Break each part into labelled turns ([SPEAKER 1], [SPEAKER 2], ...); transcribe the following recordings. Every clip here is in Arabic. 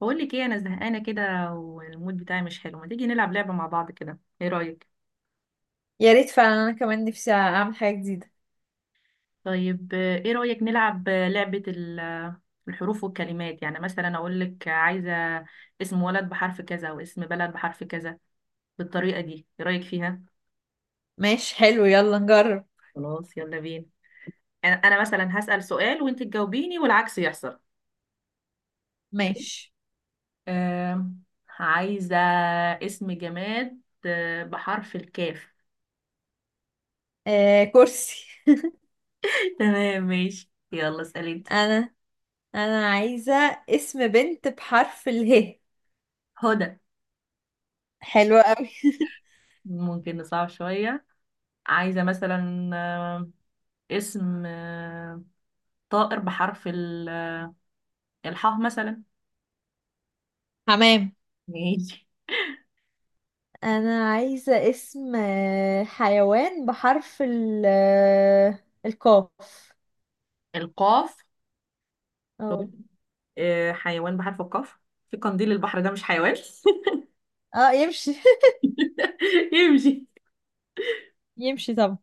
[SPEAKER 1] بقول لك ايه، انا زهقانه كده والمود بتاعي مش حلو. ما تيجي نلعب لعبه مع بعض كده؟ ايه رايك؟
[SPEAKER 2] يا ريت فعلا، انا كمان نفسي اعمل حاجة جديدة.
[SPEAKER 1] طيب، ايه رايك نلعب لعبه الحروف والكلمات؟ يعني مثلا اقول لك عايزه اسم ولد بحرف كذا، واسم بلد بحرف كذا، بالطريقه دي. ايه رايك فيها؟
[SPEAKER 2] ماشي، حلو، يلا نجرب.
[SPEAKER 1] خلاص، يلا بينا. انا مثلا هسال سؤال وانت تجاوبيني والعكس يحصل. اوكي.
[SPEAKER 2] ماشي.
[SPEAKER 1] آم، عايزه اسم جماد بحرف الكاف.
[SPEAKER 2] آه، كرسي.
[SPEAKER 1] تمام ماشي، يلا اسالي انت.
[SPEAKER 2] انا انا عايزة اسم بنت بحرف اله.
[SPEAKER 1] هدى.
[SPEAKER 2] حلو قوي.
[SPEAKER 1] ممكن نصعب شوية. عايزة مثلا اسم طائر بحرف الحاء مثلا.
[SPEAKER 2] حمام.
[SPEAKER 1] ماشي.
[SPEAKER 2] انا عايزة اسم حيوان بحرف ال القاف.
[SPEAKER 1] القاف.
[SPEAKER 2] اه.
[SPEAKER 1] حيوان بحرف القاف. في قنديل البحر، ده مش حيوان؟
[SPEAKER 2] اه، يمشي.
[SPEAKER 1] يمشي.
[SPEAKER 2] يمشي طبعا.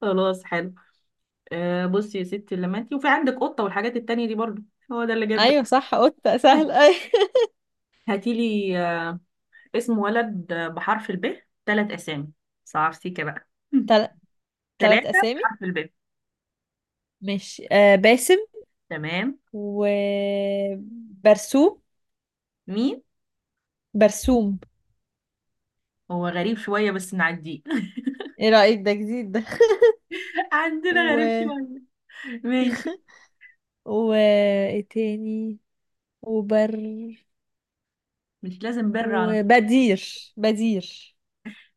[SPEAKER 1] خلاص حلو. بصي يا ستي، لما انتي وفي عندك قطة والحاجات التانية دي برضو، هو ده اللي جاب بالي.
[SPEAKER 2] ايوه، صح، قطة
[SPEAKER 1] آه،
[SPEAKER 2] سهل، ايوه.
[SPEAKER 1] هاتيلي اسم ولد بحرف الب، ثلاث أسامي. صعب سيكا بقى.
[SPEAKER 2] تل... تلات
[SPEAKER 1] ثلاثة
[SPEAKER 2] اسامي.
[SPEAKER 1] بحرف الب.
[SPEAKER 2] ماشي، باسم.
[SPEAKER 1] تمام.
[SPEAKER 2] وبرسوم.
[SPEAKER 1] مين؟
[SPEAKER 2] برسوم.
[SPEAKER 1] هو غريب شوية بس نعديه.
[SPEAKER 2] ايه رأيك؟ ده جديد ده.
[SPEAKER 1] عندنا غريب
[SPEAKER 2] و
[SPEAKER 1] شوية. ماشي.
[SPEAKER 2] و ايه تاني؟ وبر
[SPEAKER 1] مش لازم بر على طول.
[SPEAKER 2] وبدير.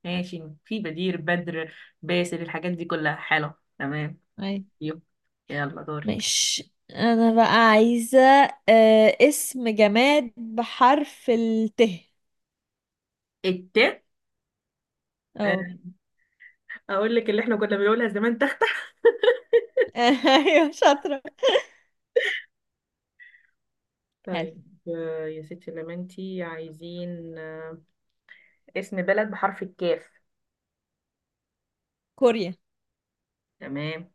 [SPEAKER 1] ماشي، في بدير، بدر، باسل، الحاجات دي كلها حلو. تمام.
[SPEAKER 2] اي.
[SPEAKER 1] يو. يلا دورك.
[SPEAKER 2] مش انا بقى عايزة اسم جماد بحرف الت.
[SPEAKER 1] الت.
[SPEAKER 2] اه.
[SPEAKER 1] آه، اقول لك اللي احنا كنا بنقولها زمان: تختك.
[SPEAKER 2] ايوه، شاطرة. حلو.
[SPEAKER 1] طيب، يا ستي لما انتي عايزين اسم بلد بحرف الكاف.
[SPEAKER 2] كوريا.
[SPEAKER 1] تمام.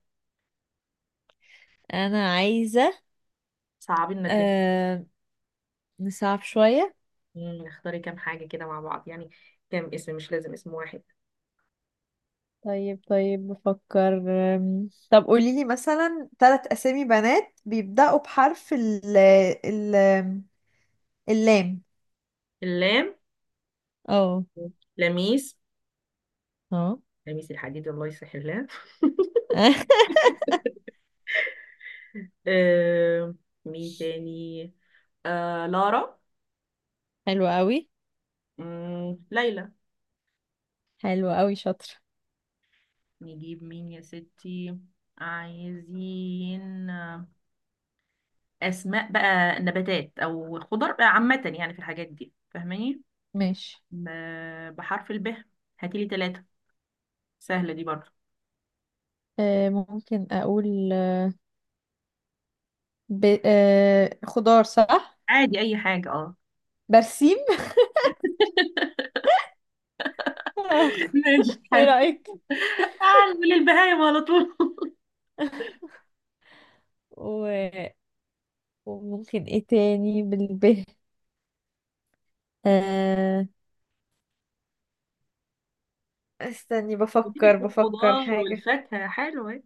[SPEAKER 2] انا عايزة.
[SPEAKER 1] صعبين لنا الدنيا.
[SPEAKER 2] آه نصعب شوية.
[SPEAKER 1] اختاري كام حاجة كده مع بعض يعني، كام اسم، مش لازم اسم واحد.
[SPEAKER 2] طيب بفكر. طب قولي لي مثلا ثلاث أسامي بنات بيبدأوا بحرف ال اللام.
[SPEAKER 1] اللام.
[SPEAKER 2] اه.
[SPEAKER 1] لميس.
[SPEAKER 2] اه.
[SPEAKER 1] لميس الحديد، الله يصلح الله. آه، مين تاني؟ آه، لارا.
[SPEAKER 2] حلو قوي.
[SPEAKER 1] مم. ليلى.
[SPEAKER 2] حلو قوي، شاطرة.
[SPEAKER 1] نجيب مين يا ستي؟ عايزين أسماء بقى نباتات أو خضر بقى، عامة يعني في الحاجات دي، فاهماني؟
[SPEAKER 2] ماشي.
[SPEAKER 1] ب... بحرف الب، هاتيلي ثلاثة. سهلة دي برضه.
[SPEAKER 2] أه، ممكن أقول ب... أه خضار، صح.
[SPEAKER 1] عادي أي حاجة، اه.
[SPEAKER 2] برسيم. آه،
[SPEAKER 1] ماشي
[SPEAKER 2] ايه
[SPEAKER 1] حلو.
[SPEAKER 2] رأيك؟
[SPEAKER 1] تعال من البهايم على طول.
[SPEAKER 2] و... وممكن ايه تاني بالب؟ آه... استني،
[SPEAKER 1] قلتلك
[SPEAKER 2] بفكر
[SPEAKER 1] الخضار
[SPEAKER 2] حاجة.
[SPEAKER 1] والفاكهة حلوة.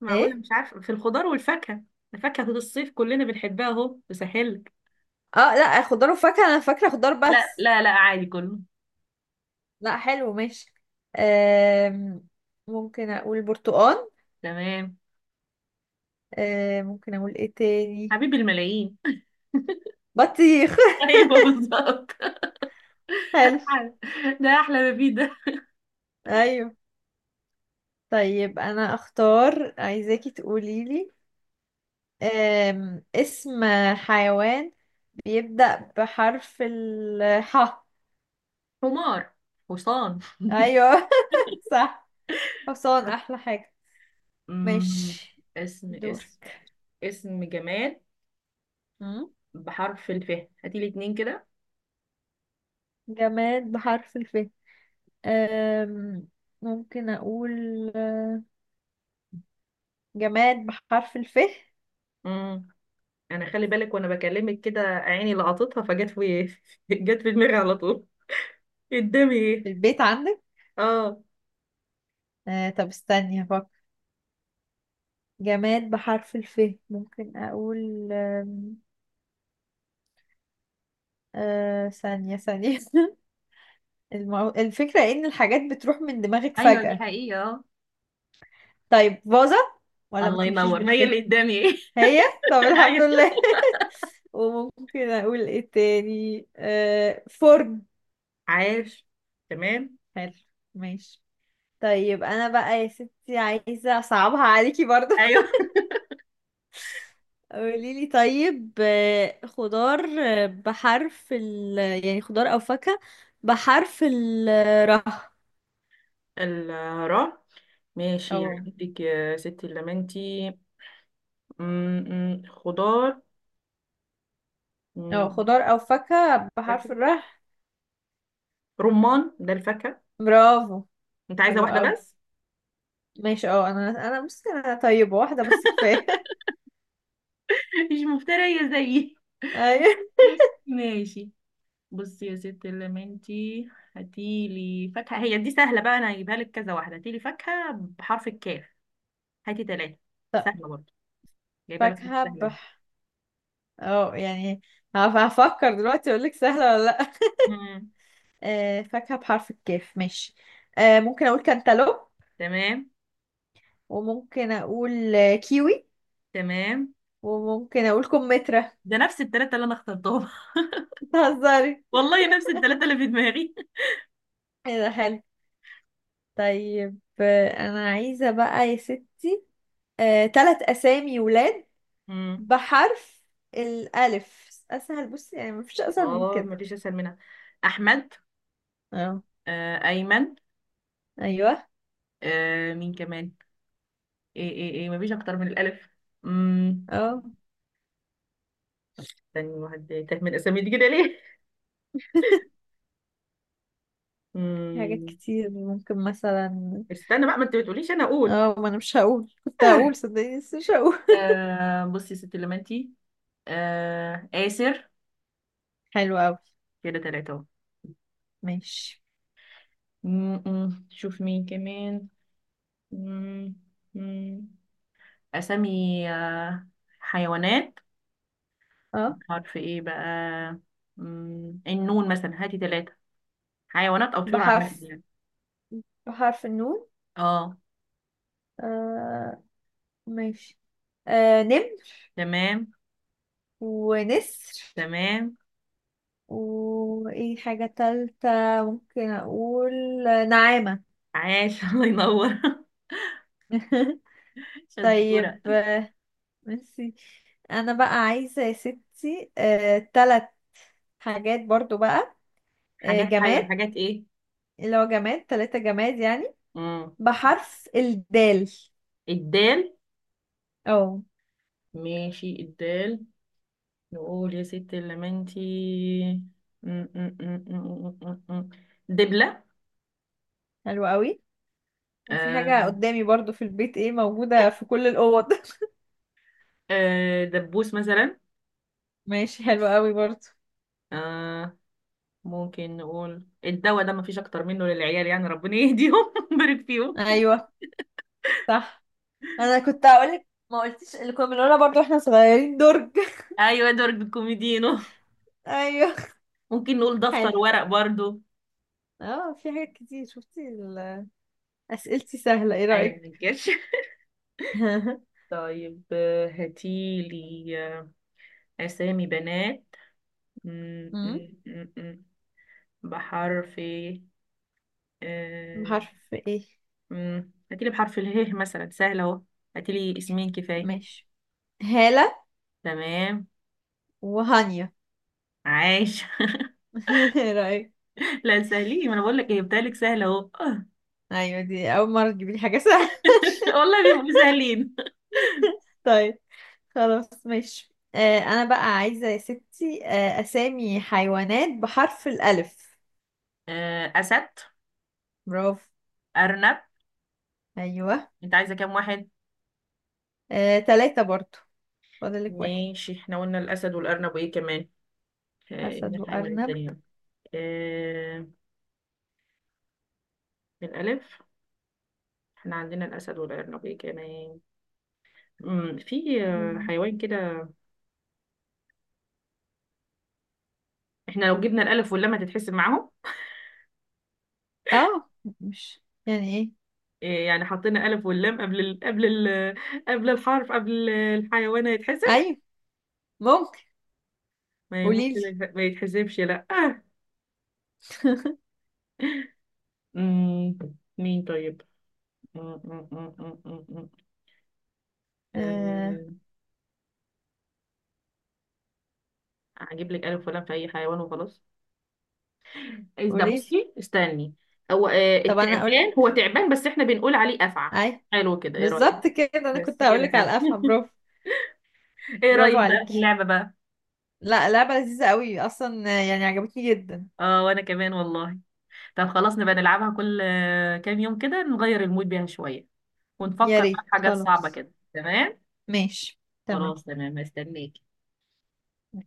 [SPEAKER 1] معقولة
[SPEAKER 2] ايه؟
[SPEAKER 1] مش عارفة في الخضار والفاكهة؟ ده فاكهة الصيف كلنا بنحبها، اهو بسهلك.
[SPEAKER 2] اه، لا، خضار وفاكهة، انا فاكرة خضار
[SPEAKER 1] لا
[SPEAKER 2] بس.
[SPEAKER 1] لا لا، عادي كله.
[SPEAKER 2] لا، حلو، ماشي. آم، ممكن اقول برتقال.
[SPEAKER 1] تمام.
[SPEAKER 2] ممكن اقول ايه تاني؟
[SPEAKER 1] حبيب الملايين.
[SPEAKER 2] بطيخ.
[SPEAKER 1] ايوه بالظبط.
[SPEAKER 2] حلو.
[SPEAKER 1] ده احلى ما فيه ده.
[SPEAKER 2] ايوه. طيب، انا اختار، عايزاكي تقولي لي اسم حيوان بيبدأ بحرف الحاء.
[SPEAKER 1] حمار، حصان.
[SPEAKER 2] ايوه. صح. حصان احلى حاجة.
[SPEAKER 1] مم.
[SPEAKER 2] ماشي.
[SPEAKER 1] اسم اسم
[SPEAKER 2] دورك.
[SPEAKER 1] اسم جماد
[SPEAKER 2] مم.
[SPEAKER 1] بحرف الف. هاتي لي اتنين كده.
[SPEAKER 2] جماد بحرف الف. أم، ممكن أقول آه، جماد بحرف الف في
[SPEAKER 1] مم. انا خلي بالك وانا بكلمك كده، عيني لقطتها فجت في جت في دماغي على طول. قدامي ايه؟
[SPEAKER 2] البيت عندك.
[SPEAKER 1] اه.
[SPEAKER 2] أه، طب استني هفكر. جماد بحرف الف. ممكن أقول أه، ثانية ثانية. الفكرة إن الحاجات بتروح من دماغك
[SPEAKER 1] ايوه دي
[SPEAKER 2] فجأة.
[SPEAKER 1] حقيقة.
[SPEAKER 2] طيب، فازة.
[SPEAKER 1] اه
[SPEAKER 2] ولا ما
[SPEAKER 1] الله
[SPEAKER 2] تمشيش
[SPEAKER 1] ينور، ما
[SPEAKER 2] بالف؟
[SPEAKER 1] هي اللي قدامي ايه.
[SPEAKER 2] هي. طب الحمد
[SPEAKER 1] ايوه.
[SPEAKER 2] لله. وممكن أقول إيه تاني؟ فرن.
[SPEAKER 1] عاش. تمام.
[SPEAKER 2] حلو. ماشي. طيب، أنا بقى يا ستي عايزة أصعبها عليكي برضه.
[SPEAKER 1] ايوه.
[SPEAKER 2] قوليلي طيب، خضار بحرف ال، يعني خضار أو فاكهة بحرف الراء.
[SPEAKER 1] الراء. ماشي، يعني
[SPEAKER 2] اه.
[SPEAKER 1] عندك يا ستي اللمنتي خضار،
[SPEAKER 2] اه،
[SPEAKER 1] م-
[SPEAKER 2] خضار او فاكهة بحرف
[SPEAKER 1] فاكهة.
[SPEAKER 2] الراء.
[SPEAKER 1] رمان ده الفاكهة.
[SPEAKER 2] برافو.
[SPEAKER 1] انت عايزة
[SPEAKER 2] حلو
[SPEAKER 1] واحدة
[SPEAKER 2] قوي.
[SPEAKER 1] بس؟
[SPEAKER 2] ماشي. اه، انا بصي، انا طيبة، واحدة بس كفاية.
[SPEAKER 1] مش مفترية زيي.
[SPEAKER 2] ايوه.
[SPEAKER 1] ماشي. بصي يا ستي اللمنتي، هاتيلي فاكهة، هي دي سهلة بقى، انا هجيبها لك كذا واحدة. هاتيلي فاكهة بحرف الكاف، هاتي ثلاثة.
[SPEAKER 2] طب،
[SPEAKER 1] سهلة برضه، جايبة لك حاجة
[SPEAKER 2] فاكهة
[SPEAKER 1] سهلة أهو.
[SPEAKER 2] بح اه يعني هفكر دلوقتي، اقول لك سهلة ولا لا.
[SPEAKER 1] مم.
[SPEAKER 2] فاكهة بحرف الكاف، ماشي. ممكن اقول كانتالوب.
[SPEAKER 1] تمام.
[SPEAKER 2] وممكن اقول كيوي.
[SPEAKER 1] تمام.
[SPEAKER 2] وممكن اقول كمثرى.
[SPEAKER 1] ده نفس الثلاثة اللي انا اخترتهم.
[SPEAKER 2] بتهزري؟
[SPEAKER 1] والله نفس الثلاثة اللي في دماغي.
[SPEAKER 2] ايه ده، حلو. طيب، انا عايزة بقى يا ست تلات اسامي ولاد
[SPEAKER 1] امم.
[SPEAKER 2] بحرف الالف، اسهل بصي يعني مفيش اسهل من
[SPEAKER 1] اه
[SPEAKER 2] كده.
[SPEAKER 1] مفيش اسهل منها. احمد.
[SPEAKER 2] اه.
[SPEAKER 1] آه ايمن.
[SPEAKER 2] ايوه.
[SPEAKER 1] آه مين كمان؟ ايه ايه ايه، مفيش اكتر من الالف. امم.
[SPEAKER 2] اه،
[SPEAKER 1] تاني واحد تاه من الاسامي دي كده ليه؟
[SPEAKER 2] في حاجات
[SPEAKER 1] امم.
[SPEAKER 2] كتير ممكن مثلا.
[SPEAKER 1] استنى بقى، ما انت بتقوليش انا اقول.
[SPEAKER 2] اه، ما انا مش هقول، كنت هقول صدقني بس مش هقول.
[SPEAKER 1] آه، بصي يا ست لمنتي، آه آسر.
[SPEAKER 2] حلو اوي.
[SPEAKER 1] كده تلاتة اهو.
[SPEAKER 2] ماشي.
[SPEAKER 1] م- م. شوف مين كمان. م- م. أسامي، آه، حيوانات.
[SPEAKER 2] اه،
[SPEAKER 1] حرف ايه بقى؟ النون مثلا، هاتي ثلاثة حيوانات او طيور عامة
[SPEAKER 2] بحرف
[SPEAKER 1] يعني.
[SPEAKER 2] بحرف النون.
[SPEAKER 1] اه.
[SPEAKER 2] آه، ماشي. نمر.
[SPEAKER 1] تمام.
[SPEAKER 2] ونسر.
[SPEAKER 1] تمام.
[SPEAKER 2] وايه حاجة تالتة؟ ممكن اقول نعامة.
[SPEAKER 1] عاش. الله ينور. شطورة.
[SPEAKER 2] طيب، ميرسي. انا بقى عايزة يا ستي تلات حاجات برضو بقى، جماد
[SPEAKER 1] حاجات ايه؟
[SPEAKER 2] اللي هو جماد، تلاتة جماد يعني،
[SPEAKER 1] مم.
[SPEAKER 2] بحرف الدال.
[SPEAKER 1] الدال.
[SPEAKER 2] اه.
[SPEAKER 1] ماشي، الدال. نقول يا ست اللمنتي. مم، مم، مم، مم، مم، مم. دبلة.
[SPEAKER 2] حلو قوي. وفي حاجة
[SPEAKER 1] آه.
[SPEAKER 2] قدامي برضو في البيت، ايه موجودة في كل الأوض.
[SPEAKER 1] دبوس مثلا.
[SPEAKER 2] ماشي، حلو قوي برضو.
[SPEAKER 1] آه. ممكن نقول الدواء، ده مفيش اكتر منه للعيال يعني، ربنا يهديهم ويبارك فيهم.
[SPEAKER 2] ايوه، صح. انا كنت هقولك ما قلتيش اللي كنا بنقولها برضو احنا صغيرين: درج.
[SPEAKER 1] ايوه ادوارد الكوميدينو.
[SPEAKER 2] ايوه.
[SPEAKER 1] ممكن نقول
[SPEAKER 2] حلو.
[SPEAKER 1] دفتر ورق برضو.
[SPEAKER 2] اه، في حاجات كتير، شفتي اسئلتي سهلة، ايه
[SPEAKER 1] ايوه،
[SPEAKER 2] رأيك؟
[SPEAKER 1] ما ننكرش. طيب، هاتيلي آه، اسامي بنات م-
[SPEAKER 2] أمم،
[SPEAKER 1] م- م- م- بحرف إيه؟ آه،
[SPEAKER 2] بحرف ايه؟
[SPEAKER 1] م- هاتيلي بحرف اله مثلا، سهل اهو. هاتيلي اسمين كفايه.
[SPEAKER 2] ماشي. هالة.
[SPEAKER 1] تمام.
[SPEAKER 2] وهانيا.
[SPEAKER 1] عاش.
[SPEAKER 2] ايه رأيك؟
[SPEAKER 1] لا سهلين، ما انا بقول لك ايه بتهيألك سهل اهو.
[SPEAKER 2] ايوه، دي اول مرة تجيبي لي حاجة سهلة.
[SPEAKER 1] والله بيبقوا سهلين.
[SPEAKER 2] طيب، خلاص ماشي. انا بقى عايزة يا ستي اسامي حيوانات بحرف الالف.
[SPEAKER 1] اسد.
[SPEAKER 2] برافو.
[SPEAKER 1] ارنب.
[SPEAKER 2] ايوه.
[SPEAKER 1] انت عايزه كام واحد؟
[SPEAKER 2] تلاتة برضو. فاضلك واحد.
[SPEAKER 1] ماشي. احنا قلنا الاسد والارنب، وايه كمان؟ من
[SPEAKER 2] اسد
[SPEAKER 1] الحيوان
[SPEAKER 2] وارنب.
[SPEAKER 1] التانية. آه، بالألف احنا عندنا الأسد والأرنبي، كمان في
[SPEAKER 2] أمم.
[SPEAKER 1] حيوان كده. احنا لو جبنا الألف واللام هتتحسب معاهم؟
[SPEAKER 2] اه، مش يعني ايه؟
[SPEAKER 1] يعني حطينا ألف واللام قبل الحرف، قبل الحيوان، هيتحسب؟
[SPEAKER 2] ايوه، ممكن.
[SPEAKER 1] ما ي- ممكن
[SPEAKER 2] قوليلي.
[SPEAKER 1] يت- ما يتحسبش، لا آه. مم، مين طيب؟ مم، مم، مم، مم، مم، مم. آه، هجيب لك ألف ولام في أي حيوان وخلاص. ده
[SPEAKER 2] قوليلي.
[SPEAKER 1] بصي استني. هو
[SPEAKER 2] طب انا
[SPEAKER 1] التعبان، هو
[SPEAKER 2] اقولك.
[SPEAKER 1] تعبان بس احنا بنقول عليه افعى.
[SPEAKER 2] اي.
[SPEAKER 1] حلو كده، ايه رايك؟
[SPEAKER 2] بالظبط كده، انا كنت
[SPEAKER 1] بس كده
[SPEAKER 2] هقولك على
[SPEAKER 1] حلو.
[SPEAKER 2] الافعى، برافو.
[SPEAKER 1] ايه
[SPEAKER 2] برافو
[SPEAKER 1] رايك بقى في
[SPEAKER 2] عليكي.
[SPEAKER 1] اللعبه بقى؟
[SPEAKER 2] لا، لعبة لذيذة قوي اصلا، يعني عجبتني جدا.
[SPEAKER 1] اه وانا كمان والله. طب خلاص، نبقى نلعبها كل كام يوم كده، نغير المود بيها شويه،
[SPEAKER 2] يا
[SPEAKER 1] ونفكر بقى
[SPEAKER 2] ريت،
[SPEAKER 1] في حاجات صعبه
[SPEAKER 2] خلاص.
[SPEAKER 1] كده. تمام.
[SPEAKER 2] ماشي.
[SPEAKER 1] خلاص تمام، استنيك.
[SPEAKER 2] تمام.